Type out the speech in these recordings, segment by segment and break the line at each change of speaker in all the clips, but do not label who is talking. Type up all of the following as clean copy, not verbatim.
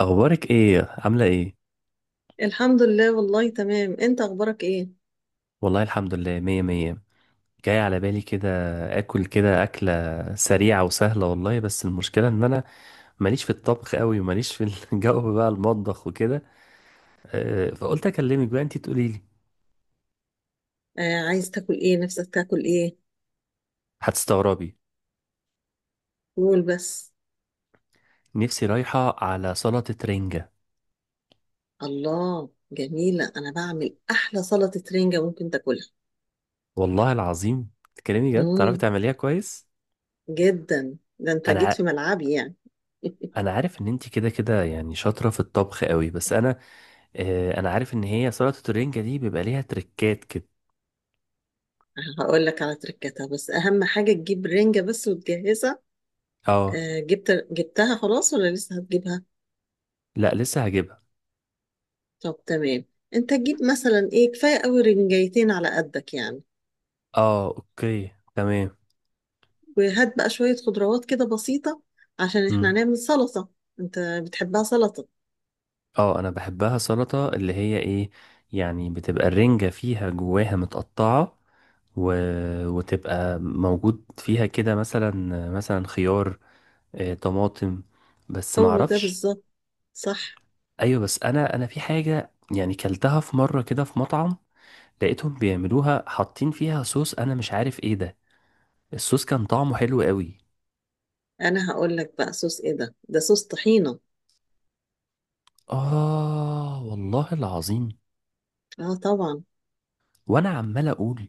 اخبارك ايه؟ عامله ايه؟
الحمد لله، والله تمام. انت اخبارك ايه؟
والله الحمد لله، مية مية. جاي على بالي كده اكل، كده اكله سريعه وسهله. والله بس المشكله ان انا ماليش في الطبخ قوي وماليش في الجو بقى المطبخ وكده. فقلت اكلمك بقى انتي تقولي لي.
آه، عايز تاكل ايه؟ نفسك تاكل ايه؟
هتستغربي.
قول بس.
نفسي رايحه على سلطه رنجه.
الله، جميلة. انا بعمل احلى سلطة رنجة ممكن تاكلها.
والله العظيم. تكلمي جد، تعرفي
امم.
تعمليها كويس؟
جدا، ده انت
انا
جيت في
ع-
ملعبي يعني.
انا عارف ان انتي كده كده يعني شاطره في الطبخ قوي، بس انا. انا عارف ان هي سلطه الرنجه دي بيبقى ليها تريكات كده.
هقول لك على تركتها، بس اهم حاجة تجيب رنجة بس وتجهزها.
اه.
آه، جبتها خلاص ولا لسه هتجيبها؟
لا، لسه هجيبها.
طب تمام. انت تجيب مثلا ايه، كفاية قوي رنجايتين على قدك يعني.
اه، اوكي تمام.
وهات بقى شوية خضروات كده بسيطة عشان احنا
مم.
هنعمل سلطة. انت بتحبها سلطة؟
اه، انا بحبها سلطة اللي هي ايه، يعني بتبقى الرنجة فيها جواها متقطعة و... وتبقى موجود فيها كده مثلا خيار، طماطم. بس
هو ده
معرفش.
بالظبط، صح.
ايوه، بس انا في حاجة. يعني كلتها في مرة كده في مطعم، لقيتهم بيعملوها حاطين فيها صوص انا مش عارف ايه ده. الصوص كان طعمه حلو قوي.
انا هقول لك بقى صوص ايه، ده صوص طحينة.
اه والله العظيم.
اه، طبعا.
وانا عمال اقول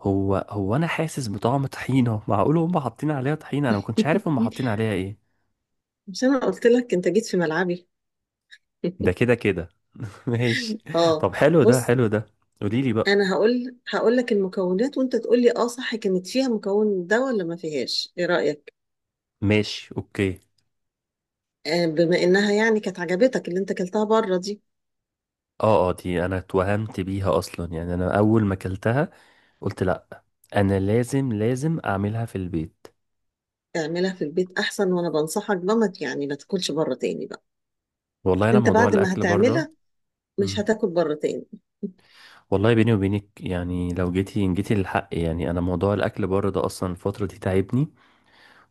هو هو انا حاسس بطعم طحينه، معقول هم حاطين عليها طحينه؟ انا ما كنتش عارف هم حاطين عليها ايه.
مش انا قلت لك انت جيت في ملعبي؟
ده كده كده. ماشي.
اه.
طب حلو ده،
بص.
حلو ده. قولي لي بقى.
انا هقول لك المكونات وانت تقول لي، اه صح كانت فيها مكون ده ولا ما فيهاش. ايه رأيك؟
ماشي، اوكي.
بما انها يعني كانت عجبتك اللي انت اكلتها بره دي.
اه اه، دي انا اتوهمت بيها اصلا يعني انا اول ما اكلتها قلت لا، انا لازم اعملها في البيت.
اعملها في البيت احسن، وانا بنصحك بمت، يعني ما تاكلش بره تاني بقى.
والله انا
انت
موضوع
بعد ما
الاكل بره.
هتعملها مش
مم.
هتاكل بره تاني.
والله بيني وبينك يعني لو جيتي جيتي للحق، يعني انا موضوع الاكل بره ده اصلا الفتره دي تعبني.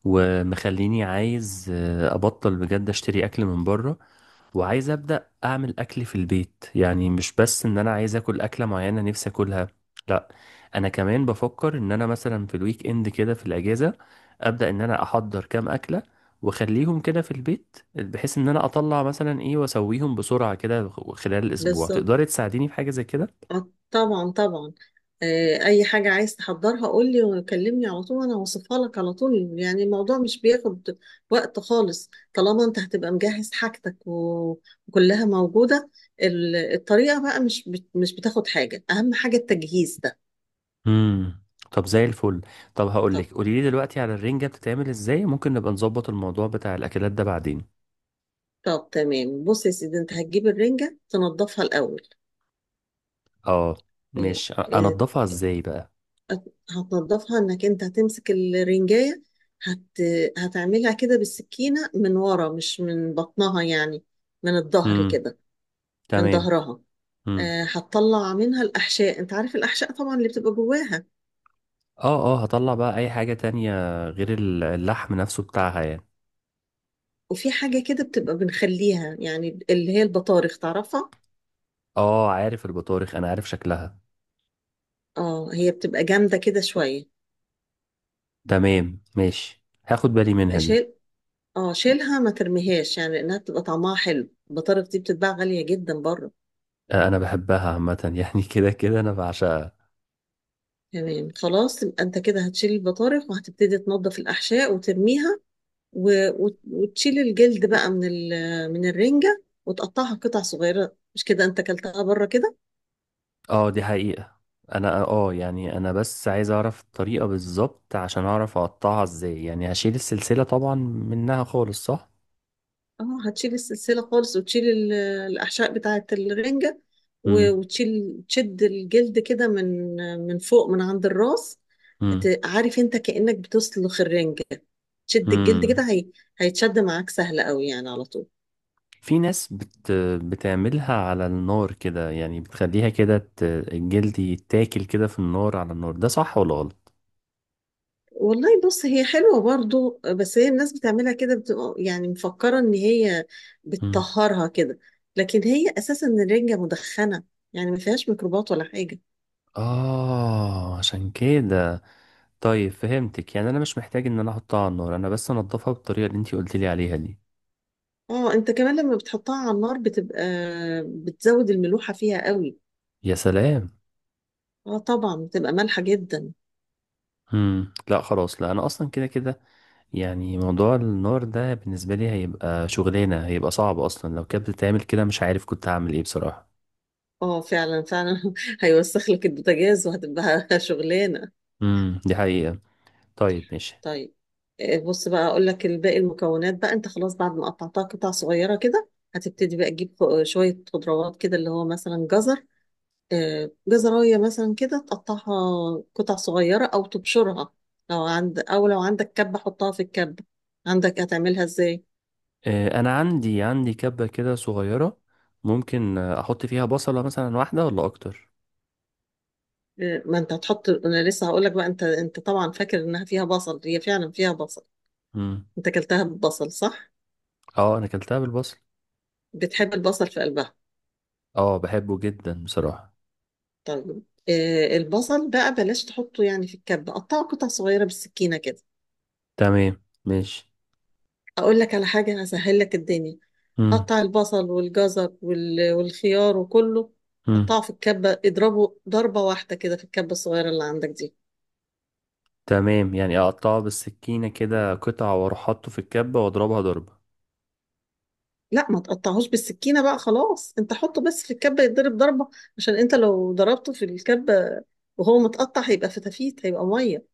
ومخليني عايز ابطل بجد اشتري اكل من بره، وعايز ابدا اعمل اكل في البيت، يعني مش بس ان انا عايز اكل اكله معينه نفسي اكلها. لا، انا كمان بفكر ان انا مثلا في الويك اند كده في الاجازه ابدا ان انا احضر كام اكله واخليهم كده في البيت، بحيث ان انا اطلع مثلا ايه واسويهم بسرعه كده خلال الاسبوع.
بالظبط،
تقدري تساعديني في حاجه زي كده؟
آه، طبعا طبعا. اي حاجة عايز تحضرها قول لي وكلمني على طول، انا هوصفها لك على طول. يعني الموضوع مش بياخد وقت خالص طالما انت هتبقى مجهز حاجتك وكلها موجودة. الطريقة بقى مش بتاخد حاجة. اهم حاجة التجهيز ده.
امم. طب زي الفل. طب هقول
طب،
لك، قولي لي دلوقتي على الرنجة بتتعمل ازاي، ممكن نبقى نظبط الموضوع بتاع الاكلات ده بعدين.
طب تمام، بص يا سيدي. انت هتجيب الرنجة تنضفها الاول.
اه.
آه،
مش
آه،
انضفها ازاي بقى؟
هتنضفها انك انت هتمسك الرنجاية. هت... هتعملها كده بالسكينة من ورا مش من بطنها يعني، من الظهر
امم.
كده. من
تمام.
ظهرها.
امم.
هتطلع منها الأحشاء. انت عارف الأحشاء طبعا اللي بتبقى جواها.
اه اه، هطلع بقى اي حاجة تانية غير اللحم نفسه بتاعها يعني؟
وفي حاجة كده بتبقى بنخليها يعني، اللي هي البطارخ، تعرفها؟
اه، عارف البطارخ، انا عارف شكلها.
اه، هي بتبقى جامدة كده شوية.
تمام، ماشي، هاخد بالي منها دي.
شيل اه، شيلها ما ترميهاش يعني، لأنها بتبقى طعمها حلو. البطارخ دي بتتباع غالية جدا بره.
انا بحبها عامة يعني كده كده انا بعشقها.
تمام خلاص، يبقى انت كده هتشيل البطارخ وهتبتدي تنظف الأحشاء وترميها، و... وتشيل الجلد بقى من الرنجة وتقطعها قطع صغيرة. مش كده انت كلتها بره كده؟
اه، دي حقيقة. انا يعني انا بس عايز اعرف الطريقة بالظبط عشان اعرف اقطعها ازاي، يعني هشيل السلسلة طبعا منها خالص، صح؟
اه، هتشيل السلسلة خالص وتشيل الأحشاء بتاعة الرنجة. و...
امم.
وتشيل تشد الجلد كده من فوق، من عند الراس.
امم.
عارف انت كأنك بتسلخ الرنجة. تشد الجلد
امم.
كده هيتشد معاك سهل قوي يعني، على طول.
في ناس بتعملها على النار كده، يعني بتخليها كده الجلد يتاكل كده في النار على النار، ده صح ولا غلط؟
والله بص، هي حلوة برضو، بس هي الناس بتعملها كده بتبقى يعني مفكرة ان هي
امم.
بتطهرها كده. لكن هي اساسا الرنجة مدخنة، يعني ما فيهاش ميكروبات ولا حاجة.
اه، عشان كده. طيب فهمتك، يعني انا مش محتاج ان انا احطها على النار، انا بس انضفها بالطريقة اللي انتي قلت لي عليها دي.
اه، انت كمان لما بتحطها على النار بتبقى بتزود الملوحة فيها قوي.
يا سلام.
اه، طبعا بتبقى مالحة جدا.
امم. لا، خلاص، لا، انا اصلا كده كده يعني موضوع النار ده بالنسبه لي هيبقى شغلانه، هيبقى صعب. اصلا لو كانت بتتعمل كده مش عارف كنت هعمل ايه بصراحه.
اه، فعلا فعلا، هيوسخ لك البوتاجاز وهتبقى شغلانة.
امم، دي حقيقه. طيب، ماشي.
طيب. بص بقى اقول لك الباقي المكونات بقى، انت خلاص بعد ما قطعتها قطع صغيره كده. هتبتدي بقى تجيب شويه خضروات كده، اللي هو مثلا جزر. جزرايه مثلا كده تقطعها قطع صغيره او تبشرها. لو عندك كبه حطها في الكبه. عندك هتعملها ازاي؟
انا عندي كبه كده صغيره. ممكن احط فيها بصله مثلا واحده ولا اكتر؟
آه، ما انت هتحط، انا لسه هقول لك بقى. انت طبعا فاكر انها فيها بصل، هي فعلا فيها بصل.
امم.
انت اكلتها ببصل، صح؟
اه، انا اكلتها بالبصل.
بتحب البصل في قلبها؟
اه، بحبه جدا بصراحه.
طيب. البصل بقى بلاش تحطه يعني في الكبة، قطعه قطع صغيرة بالسكينة كده.
تمام، ماشي.
أقول لك على حاجة هسهل لك الدنيا.
امم.
قطع البصل والجزر والخيار وكله.
امم.
قطعه في الكبة، اضربه ضربة واحدة كده في الكبة الصغيرة اللي عندك دي.
تمام، يعني اقطعه بالسكينه كده قطع، واروح حاطه في الكبه واضربها ضربه.
لا، ما تقطعهوش بالسكينة بقى خلاص. انت حطه بس في الكبة يتضرب ضربة. عشان انت لو ضربته في الكبة وهو متقطع هيبقى فتافيت، هيبقى مية.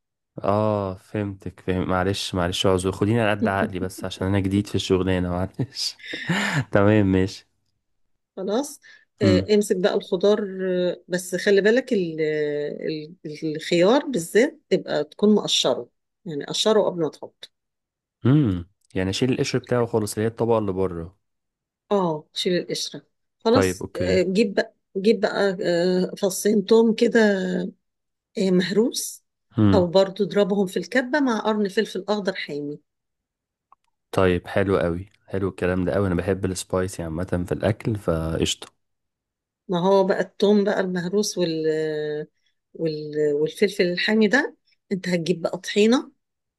اه، فهمتك فهم. معلش معلش، اعذر خديني على قد عقلي بس عشان انا جديد في الشغلانه، معلش. تمام، ماشي.
خلاص.
امم.
امسك بقى الخضار. بس خلي بالك الخيار بالذات تبقى تكون مقشره. يعني قشره قبل ما تحط.
امم. يعني اشيل القشر بتاعه خالص اللي هي الطبقه اللي بره.
اه، شيل القشرة.
طيب،
خلاص.
اوكي.
جيب بقى جيب بقى فصين توم كده. مهروس. او
امم.
برضو اضربهم في الكبة مع قرن فلفل اخضر حامي.
طيب حلو قوي، حلو الكلام ده قوي. انا بحب السبايسي عامه في الاكل، فقشطه.
ما هو بقى التوم بقى المهروس والفلفل الحامي ده. انت هتجيب بقى طحينة.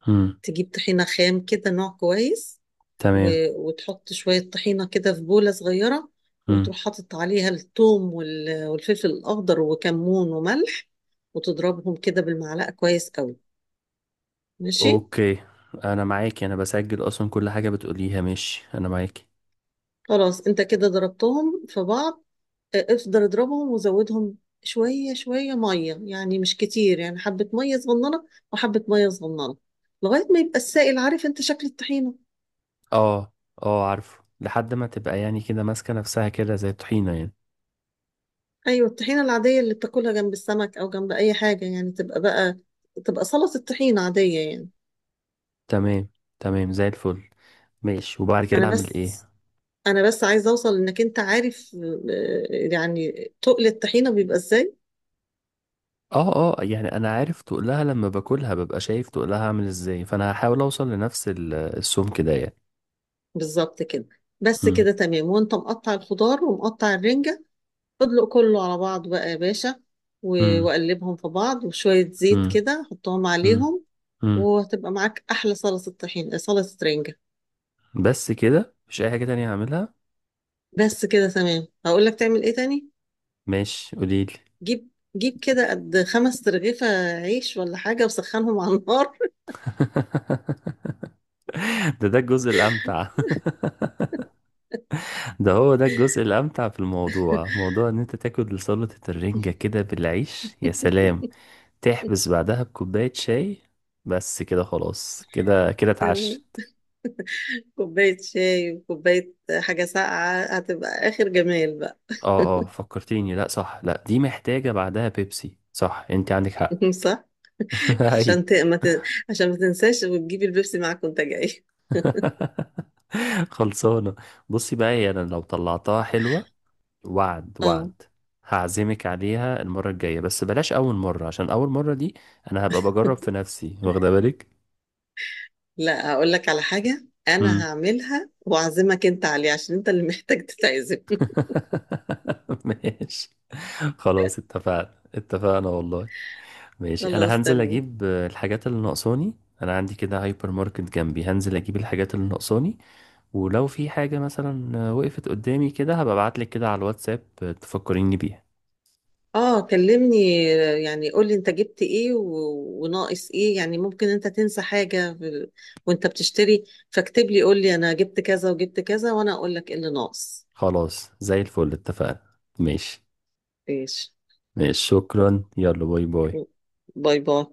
امم.
تجيب طحينة خام كده نوع كويس.
تمام.
وتحط شوية طحينة كده في بولة صغيرة.
امم.
وتروح حاطط عليها الثوم والفلفل الأخضر وكمون وملح. وتضربهم كده بالمعلقة كويس قوي. ماشي.
اوكي. انا معاكي، انا بسجل اصلا كل حاجه بتقوليها، ماشي، انا معاكي.
خلاص، انت كده ضربتهم في بعض. اه، افضل اضربهم وزودهم. شوية شوية مية يعني، مش كتير، يعني حبة مية صغننة. وحبة مية صغننة. لغاية ما يبقى السائل. عارف انت شكل الطحينة؟
اه اه، عارفه لحد ما تبقى يعني كده ماسكه نفسها كده زي الطحينه يعني.
ايوه، الطحينة العادية اللي بتاكلها جنب السمك او جنب اي حاجة، يعني تبقى سلطة الطحينة عادية يعني.
تمام، تمام، زي الفل. ماشي، وبعد
انا
كده اعمل
بس
ايه؟
انا بس عايزه اوصل انك انت عارف، يعني تقل الطحينه بيبقى ازاي.
اه اه، يعني انا عارف تقلها لما باكلها ببقى شايف تقلها عامل ازاي، فانا هحاول اوصل لنفس السمك ده يعني.
بالظبط كده. بس
مم،
كده تمام، وانت مقطع الخضار ومقطع الرنجه. ادلق كله على بعض بقى يا باشا،
مم،
وقلبهم في بعض، وشويه زيت
مم،
كده حطهم
مم،
عليهم.
مم.
وهتبقى معاك احلى صلصه طحين، صلصه رنجه.
بس كده؟ مش اي حاجة تانية هعملها.
بس كده تمام، هقول لك تعمل ايه تاني.
ماشي، قوليلي.
جيب جيب كده قد خمس ترغيفه عيش ولا حاجه، وسخنهم على النار.
ده الجزء الامتع. ده هو ده الجزء الامتع في الموضوع، موضوع ان انت تاكل سلطة الرنجة كده بالعيش، يا سلام. تحبس بعدها بكوباية شاي. بس كده خلاص، كده كده
تمام.
اتعشى.
كوباية شاي وكوباية حاجة ساقعة، هتبقى آخر جمال بقى.
اه اه، فكرتيني، لا صح، لا دي محتاجة بعدها بيبسي، صح، انت عندك حق.
صح؟
ايوه.
عشان ت... ما ت... عشان ما تنساش وتجيبي البيبسي معاك وانت جاي.
خلصانة. بصي بقى، هي انا لو طلعتها حلوة، وعد
اه،
وعد، هعزمك عليها المرة الجاية، بس بلاش أول مرة عشان أول مرة دي أنا هبقى بجرب في نفسي، واخدة بالك؟
لا، هقول لك على حاجة. أنا
مم.
هعملها وأعزمك أنت عليه، عشان أنت اللي محتاج تتعزم.
ماشي. خلاص، اتفقنا اتفقنا والله. ماشي، أنا
خلاص
هنزل
تمام.
أجيب الحاجات اللي ناقصاني. أنا عندي كده هايبر ماركت جنبي، هنزل أجيب الحاجات اللي ناقصاني، ولو في حاجة مثلا وقفت قدامي كده هبقى ابعتلك كده على الواتساب تفكريني بيها.
اه، كلمني، يعني قولي انت جبت ايه وناقص ايه. يعني ممكن انت تنسى حاجة وانت بتشتري. فاكتب لي، قولي انا جبت كذا وجبت كذا، وانا اقول لك ايه اللي ناقص.
خلاص، زي الفل، اتفقنا. ماشي.
ايش؟
ماشي، شكرا، يلا، باي باي.
باي باي.